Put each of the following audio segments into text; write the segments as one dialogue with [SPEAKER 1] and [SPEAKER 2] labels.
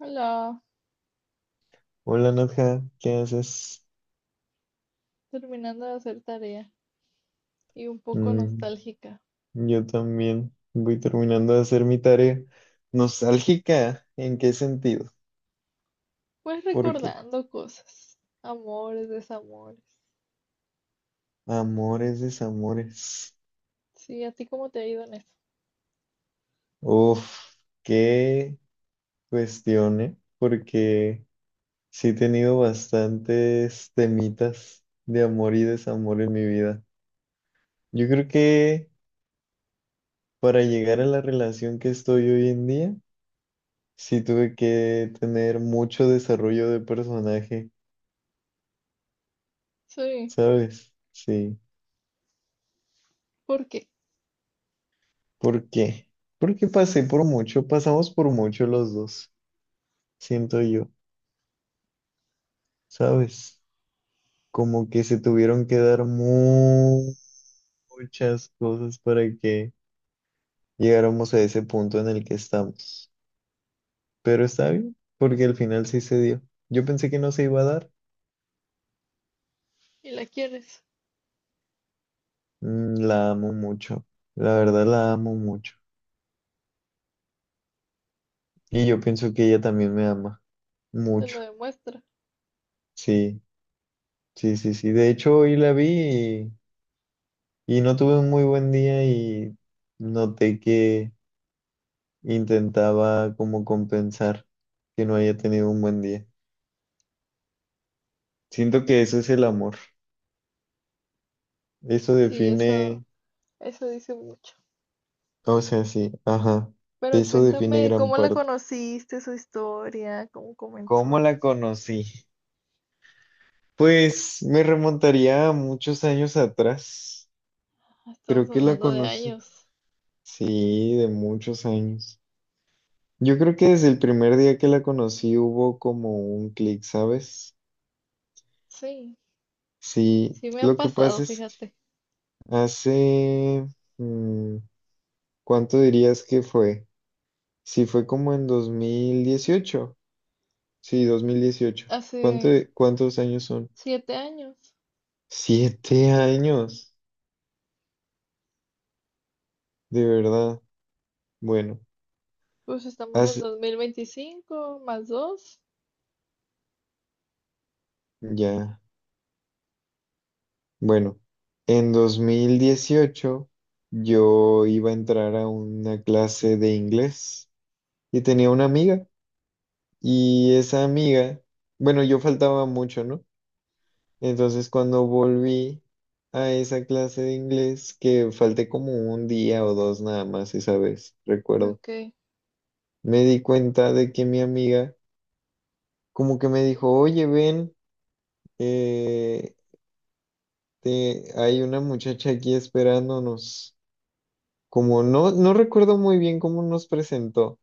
[SPEAKER 1] Hola,
[SPEAKER 2] Hola Nadja, ¿qué haces?
[SPEAKER 1] terminando de hacer tarea y un poco
[SPEAKER 2] Mm,
[SPEAKER 1] nostálgica,
[SPEAKER 2] yo también voy terminando de hacer mi tarea. ¿Nostálgica? ¿En qué sentido?
[SPEAKER 1] pues
[SPEAKER 2] Porque
[SPEAKER 1] recordando cosas, amores, desamores.
[SPEAKER 2] amores, desamores.
[SPEAKER 1] Sí, ¿a ti cómo te ha ido en eso?
[SPEAKER 2] Uf, qué cuestión, ¿eh? Porque sí he tenido bastantes temitas de amor y desamor en mi vida. Yo creo que para llegar a la relación que estoy hoy en día, sí tuve que tener mucho desarrollo de personaje.
[SPEAKER 1] Sí,
[SPEAKER 2] ¿Sabes? Sí.
[SPEAKER 1] ¿por qué?
[SPEAKER 2] ¿Por qué? Porque pasé por mucho, pasamos por mucho los dos, siento yo, ¿sabes? Como que se tuvieron que dar muchas cosas para que llegáramos a ese punto en el que estamos. Pero está bien, porque al final sí se dio. Yo pensé que no se iba a dar.
[SPEAKER 1] ¿Y la quieres?
[SPEAKER 2] La amo mucho, la verdad la amo mucho. Y yo pienso que ella también me ama
[SPEAKER 1] Te lo
[SPEAKER 2] mucho.
[SPEAKER 1] demuestra.
[SPEAKER 2] Sí, sí, sí, sí. De hecho, hoy la vi y no tuve un muy buen día y noté que intentaba como compensar que no haya tenido un buen día. Siento que eso es el amor. Eso
[SPEAKER 1] Sí, eso,
[SPEAKER 2] define,
[SPEAKER 1] eso dice mucho.
[SPEAKER 2] o sea, sí, ajá.
[SPEAKER 1] Pero
[SPEAKER 2] Eso define
[SPEAKER 1] cuéntame,
[SPEAKER 2] gran
[SPEAKER 1] ¿cómo la
[SPEAKER 2] parte.
[SPEAKER 1] conociste, su historia, cómo
[SPEAKER 2] ¿Cómo
[SPEAKER 1] comenzó?
[SPEAKER 2] la conocí? Pues me remontaría a muchos años atrás.
[SPEAKER 1] Ah, estamos
[SPEAKER 2] Creo que la
[SPEAKER 1] hablando de
[SPEAKER 2] conocí.
[SPEAKER 1] años.
[SPEAKER 2] Sí, de muchos años. Yo creo que desde el primer día que la conocí hubo como un clic, ¿sabes?
[SPEAKER 1] Sí,
[SPEAKER 2] Sí,
[SPEAKER 1] sí me ha
[SPEAKER 2] lo que
[SPEAKER 1] pasado,
[SPEAKER 2] pasa es.
[SPEAKER 1] fíjate.
[SPEAKER 2] Hace, mm, ¿cuánto dirías que fue? Si fue como en 2018. Sí, 2018. ¿Cuánto,
[SPEAKER 1] Hace
[SPEAKER 2] cuántos años son?
[SPEAKER 1] 7 años.
[SPEAKER 2] 7 años, de verdad. Bueno,
[SPEAKER 1] Pues estamos en
[SPEAKER 2] hace,
[SPEAKER 1] 2025 más dos.
[SPEAKER 2] ya, bueno, en 2018 yo iba a entrar a una clase de inglés y tenía una amiga y esa amiga, bueno, yo faltaba mucho, ¿no? Entonces, cuando volví a esa clase de inglés, que falté como un día o dos nada más esa vez, recuerdo,
[SPEAKER 1] Ok.
[SPEAKER 2] me di cuenta de que mi amiga como que me dijo, oye, ven, eh, hay una muchacha aquí esperándonos. Como no recuerdo muy bien cómo nos presentó,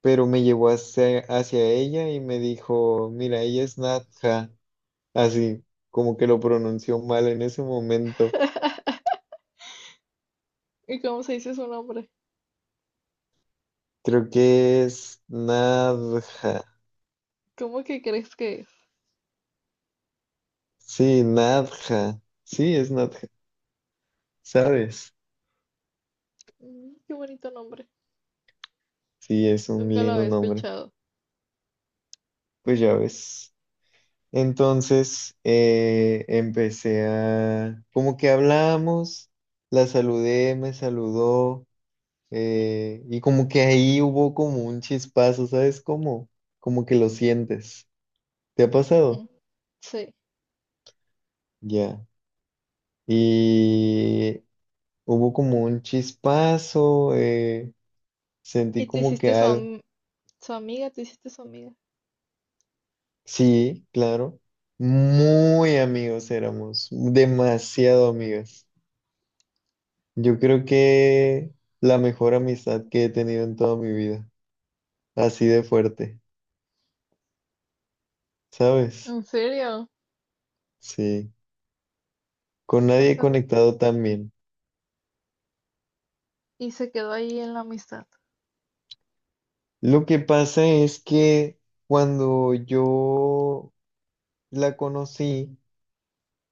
[SPEAKER 2] pero me llevó hacia ella y me dijo, mira, ella es Natja, así como que lo pronunció mal en ese momento.
[SPEAKER 1] ¿Y cómo se dice su nombre?
[SPEAKER 2] Creo que es Nadja.
[SPEAKER 1] ¿Cómo que crees que es?
[SPEAKER 2] Sí, Nadja. Sí, es Nadja. ¿Sabes?
[SPEAKER 1] Mm, qué bonito nombre.
[SPEAKER 2] Sí, es un
[SPEAKER 1] Nunca lo
[SPEAKER 2] lindo
[SPEAKER 1] había
[SPEAKER 2] nombre.
[SPEAKER 1] escuchado.
[SPEAKER 2] Pues ya ves. Entonces, como que hablamos, la saludé, me saludó, y como que ahí hubo como un chispazo, ¿sabes cómo? Como que lo sientes. ¿Te ha pasado?
[SPEAKER 1] Ujú. Sí.
[SPEAKER 2] Ya. Y hubo como un chispazo.
[SPEAKER 1] ¿Y
[SPEAKER 2] Sentí
[SPEAKER 1] te
[SPEAKER 2] como que
[SPEAKER 1] hiciste
[SPEAKER 2] algo,
[SPEAKER 1] su amiga? ¿Te hiciste su amiga?
[SPEAKER 2] sí, claro, muy amigos éramos, demasiado amigos. Yo creo que la mejor amistad que he tenido en toda mi vida, así de fuerte, ¿sabes?
[SPEAKER 1] ¿En serio?
[SPEAKER 2] Sí, con nadie
[SPEAKER 1] Las
[SPEAKER 2] he
[SPEAKER 1] am-
[SPEAKER 2] conectado tan bien.
[SPEAKER 1] Y se quedó ahí en la amistad.
[SPEAKER 2] Lo que pasa es que cuando yo la conocí,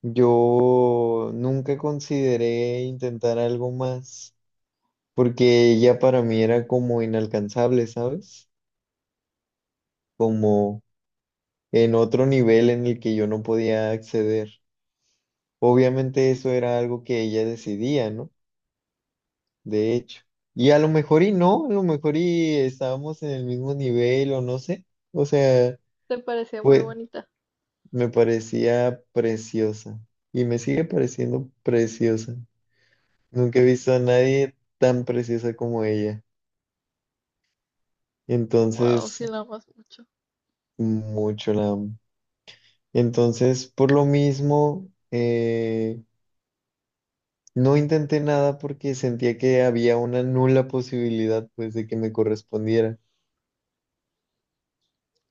[SPEAKER 2] yo nunca consideré intentar algo más, porque ella para mí era como inalcanzable, ¿sabes? Como en otro nivel en el que yo no podía acceder. Obviamente eso era algo que ella decidía, ¿no? De hecho. Y a lo mejor y no, a lo mejor y estábamos en el mismo nivel o no sé. O sea,
[SPEAKER 1] ¿Te parecía muy
[SPEAKER 2] pues
[SPEAKER 1] bonita?
[SPEAKER 2] me parecía preciosa y me sigue pareciendo preciosa. Nunca he visto a nadie tan preciosa como ella.
[SPEAKER 1] Wow,
[SPEAKER 2] Entonces,
[SPEAKER 1] sí la amas mucho.
[SPEAKER 2] mucho la amo. Entonces, por lo mismo, no intenté nada porque sentía que había una nula posibilidad, pues, de que me correspondiera.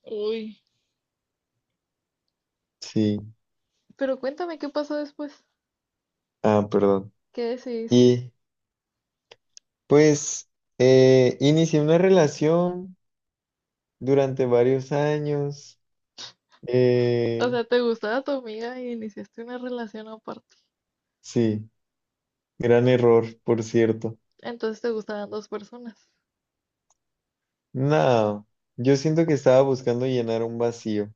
[SPEAKER 1] Uy.
[SPEAKER 2] Sí.
[SPEAKER 1] Pero cuéntame qué pasó después.
[SPEAKER 2] Ah, perdón.
[SPEAKER 1] ¿Qué decidiste?
[SPEAKER 2] Y, pues, inicié una relación durante varios años.
[SPEAKER 1] O
[SPEAKER 2] Eh,
[SPEAKER 1] sea, ¿te gustaba tu amiga y iniciaste una relación aparte?
[SPEAKER 2] sí, gran error, por cierto.
[SPEAKER 1] Entonces te gustaban dos personas.
[SPEAKER 2] No, yo siento que estaba buscando llenar un vacío.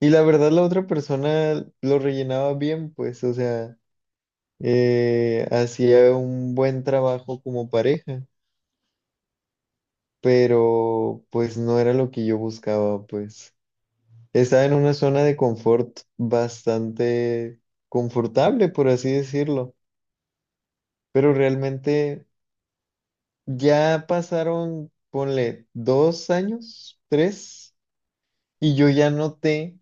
[SPEAKER 2] Y la verdad, la otra
[SPEAKER 1] Mm.
[SPEAKER 2] persona lo rellenaba bien, pues, o sea, hacía un buen trabajo como pareja. Pero pues no era lo que yo buscaba, pues. Estaba en una zona de confort bastante confortable, por así decirlo, pero realmente ya pasaron, ponle, 2 años, tres, y yo ya noté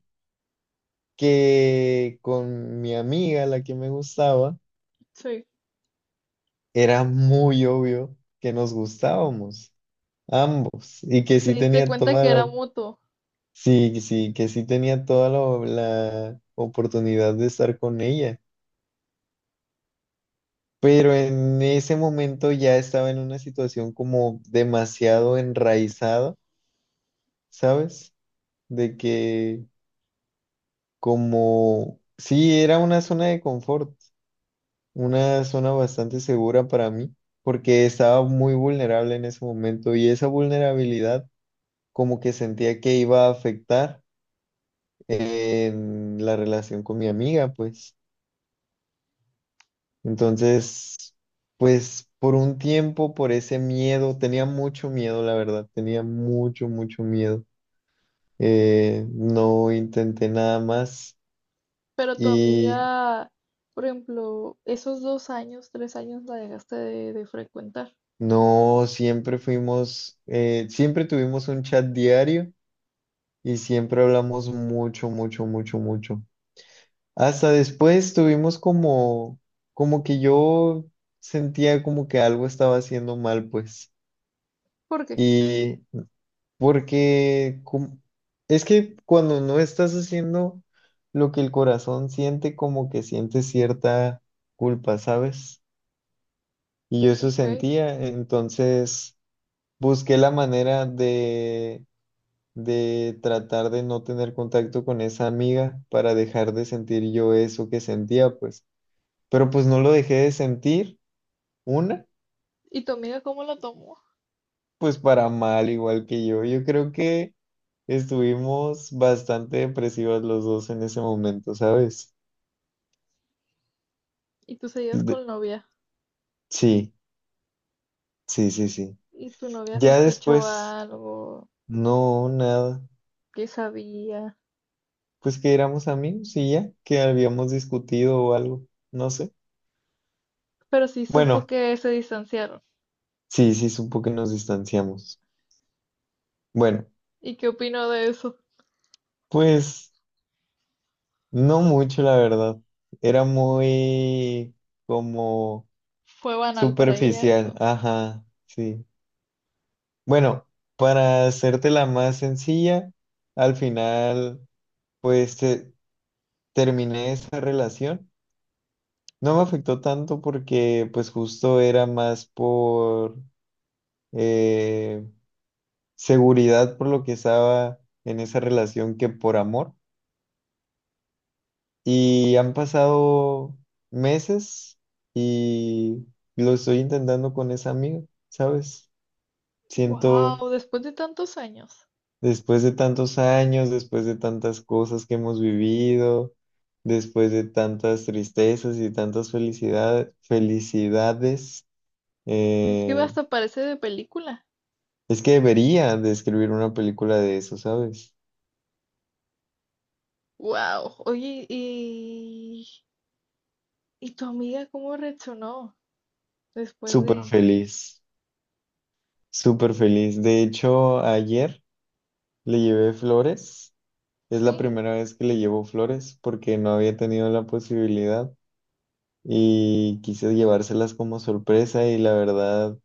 [SPEAKER 2] que con mi amiga, la que me gustaba,
[SPEAKER 1] Sí.
[SPEAKER 2] era muy obvio que nos gustábamos, ambos, y que
[SPEAKER 1] ¿Te
[SPEAKER 2] sí
[SPEAKER 1] diste
[SPEAKER 2] tenía
[SPEAKER 1] cuenta
[SPEAKER 2] toda
[SPEAKER 1] que era
[SPEAKER 2] la.
[SPEAKER 1] mutuo?
[SPEAKER 2] Sí, sí, que sí tenía toda la oportunidad de estar con ella, pero en ese momento ya estaba en una situación como demasiado enraizada, ¿sabes? De que como, sí, era una zona de confort, una zona bastante segura para mí, porque estaba muy vulnerable en ese momento y esa vulnerabilidad como que sentía que iba a afectar en la relación con mi amiga, pues. Entonces, pues por un tiempo, por ese miedo, tenía mucho miedo, la verdad, tenía mucho, mucho miedo. No intenté nada más
[SPEAKER 1] Pero tu
[SPEAKER 2] y
[SPEAKER 1] amiga, por ejemplo, esos 2 años, 3 años la dejaste de frecuentar.
[SPEAKER 2] no, siempre fuimos, siempre tuvimos un chat diario y siempre hablamos mucho, mucho, mucho, mucho. Hasta después tuvimos como que yo sentía como que algo estaba haciendo mal, pues.
[SPEAKER 1] ¿Por qué?
[SPEAKER 2] Y Porque es que cuando no estás haciendo lo que el corazón siente, como que sientes cierta culpa, ¿sabes? Y yo eso
[SPEAKER 1] ¿Ok?
[SPEAKER 2] sentía, entonces busqué la manera de tratar de no tener contacto con esa amiga para dejar de sentir yo eso que sentía, pues. Pero pues no lo dejé de sentir, una,
[SPEAKER 1] ¿Y tu amiga cómo lo tomó?
[SPEAKER 2] pues para mal, igual que yo. Yo creo que. Estuvimos bastante depresivos los dos en ese momento, ¿sabes?
[SPEAKER 1] Y tú seguías
[SPEAKER 2] De-
[SPEAKER 1] con novia.
[SPEAKER 2] sí, sí, sí, sí.
[SPEAKER 1] Y tu novia
[SPEAKER 2] Ya
[SPEAKER 1] sospechó
[SPEAKER 2] después,
[SPEAKER 1] algo,
[SPEAKER 2] no, nada.
[SPEAKER 1] que sabía.
[SPEAKER 2] Pues que éramos amigos y ya, que habíamos discutido o algo, no sé.
[SPEAKER 1] Pero sí supo
[SPEAKER 2] Bueno,
[SPEAKER 1] que se distanciaron.
[SPEAKER 2] sí, sí, supo que nos distanciamos. Bueno,
[SPEAKER 1] ¿Y qué opinó de eso?
[SPEAKER 2] pues no mucho, la verdad. Era muy como
[SPEAKER 1] Fue banal para ella
[SPEAKER 2] superficial,
[SPEAKER 1] eso.
[SPEAKER 2] ajá, sí. Bueno, para hacértela más sencilla. Al final, pues terminé esa relación. No me afectó tanto porque pues justo era más por eh, seguridad por lo que estaba en esa relación que por amor. Y han pasado meses y lo estoy intentando con esa amiga, ¿sabes? Siento
[SPEAKER 1] Wow, después de tantos años.
[SPEAKER 2] Después de tantos años, después de tantas cosas que hemos vivido, después de tantas tristezas y tantas felicidades,
[SPEAKER 1] Es que
[SPEAKER 2] eh,
[SPEAKER 1] hasta parece de película.
[SPEAKER 2] es que debería de escribir una película de eso, ¿sabes?
[SPEAKER 1] Wow. Oye, y tu amiga cómo reaccionó después
[SPEAKER 2] Súper
[SPEAKER 1] de,
[SPEAKER 2] feliz, súper feliz. De hecho, ayer le llevé flores. Es la
[SPEAKER 1] Sí.
[SPEAKER 2] primera vez que le llevo flores porque no había tenido la posibilidad y quise llevárselas como sorpresa y la verdad.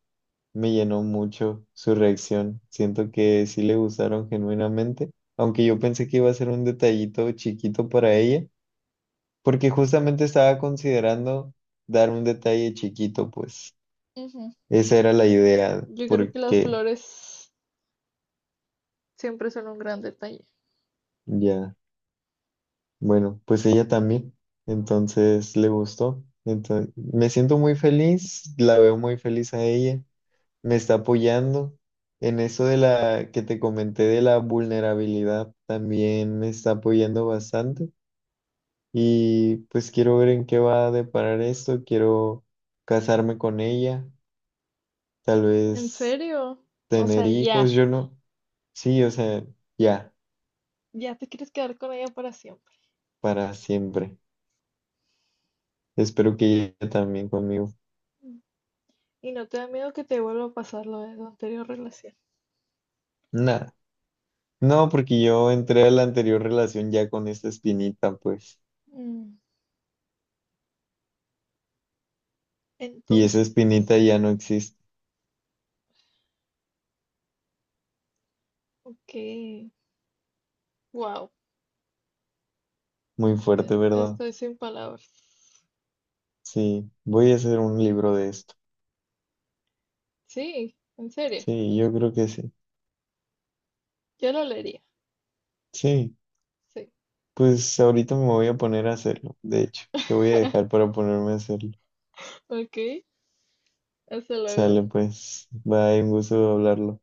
[SPEAKER 2] Me llenó mucho su reacción. Siento que sí le gustaron genuinamente, aunque yo pensé que iba a ser un detallito chiquito para ella, porque justamente estaba considerando dar un detalle chiquito, pues
[SPEAKER 1] Ujú.
[SPEAKER 2] esa era la idea,
[SPEAKER 1] Yo creo que las
[SPEAKER 2] porque
[SPEAKER 1] flores siempre son un gran detalle.
[SPEAKER 2] ya, bueno, pues ella también, entonces le gustó. Entonces, me siento muy feliz, la veo muy feliz a ella. Me está apoyando. En eso de la que te comenté de la vulnerabilidad, también me está apoyando bastante. Y pues quiero ver en qué va a deparar esto. Quiero casarme con ella, tal
[SPEAKER 1] ¿En
[SPEAKER 2] vez
[SPEAKER 1] serio? O
[SPEAKER 2] tener
[SPEAKER 1] sea,
[SPEAKER 2] hijos,
[SPEAKER 1] ya.
[SPEAKER 2] yo no. Sí, o sea, ya,
[SPEAKER 1] Ya te quieres quedar con ella para siempre.
[SPEAKER 2] para siempre. Espero que ella también conmigo.
[SPEAKER 1] Mm. Y no te da miedo que te vuelva a pasar lo de tu anterior relación.
[SPEAKER 2] Nada. No, porque yo entré a la anterior relación ya con esta espinita, pues.
[SPEAKER 1] Mm.
[SPEAKER 2] Y esa
[SPEAKER 1] Entonces,
[SPEAKER 2] espinita ya no existe.
[SPEAKER 1] ok. Wow.
[SPEAKER 2] Muy fuerte, ¿verdad?
[SPEAKER 1] Estoy sin palabras.
[SPEAKER 2] Sí, voy a hacer un libro de esto.
[SPEAKER 1] Sí, en serio.
[SPEAKER 2] Sí, yo creo que sí.
[SPEAKER 1] Yo lo leería.
[SPEAKER 2] Sí,
[SPEAKER 1] Sí.
[SPEAKER 2] pues ahorita me voy a poner a hacerlo. De hecho, te voy a dejar para ponerme a hacerlo.
[SPEAKER 1] Ok. Hasta luego.
[SPEAKER 2] Sale pues, bye, un gusto hablarlo.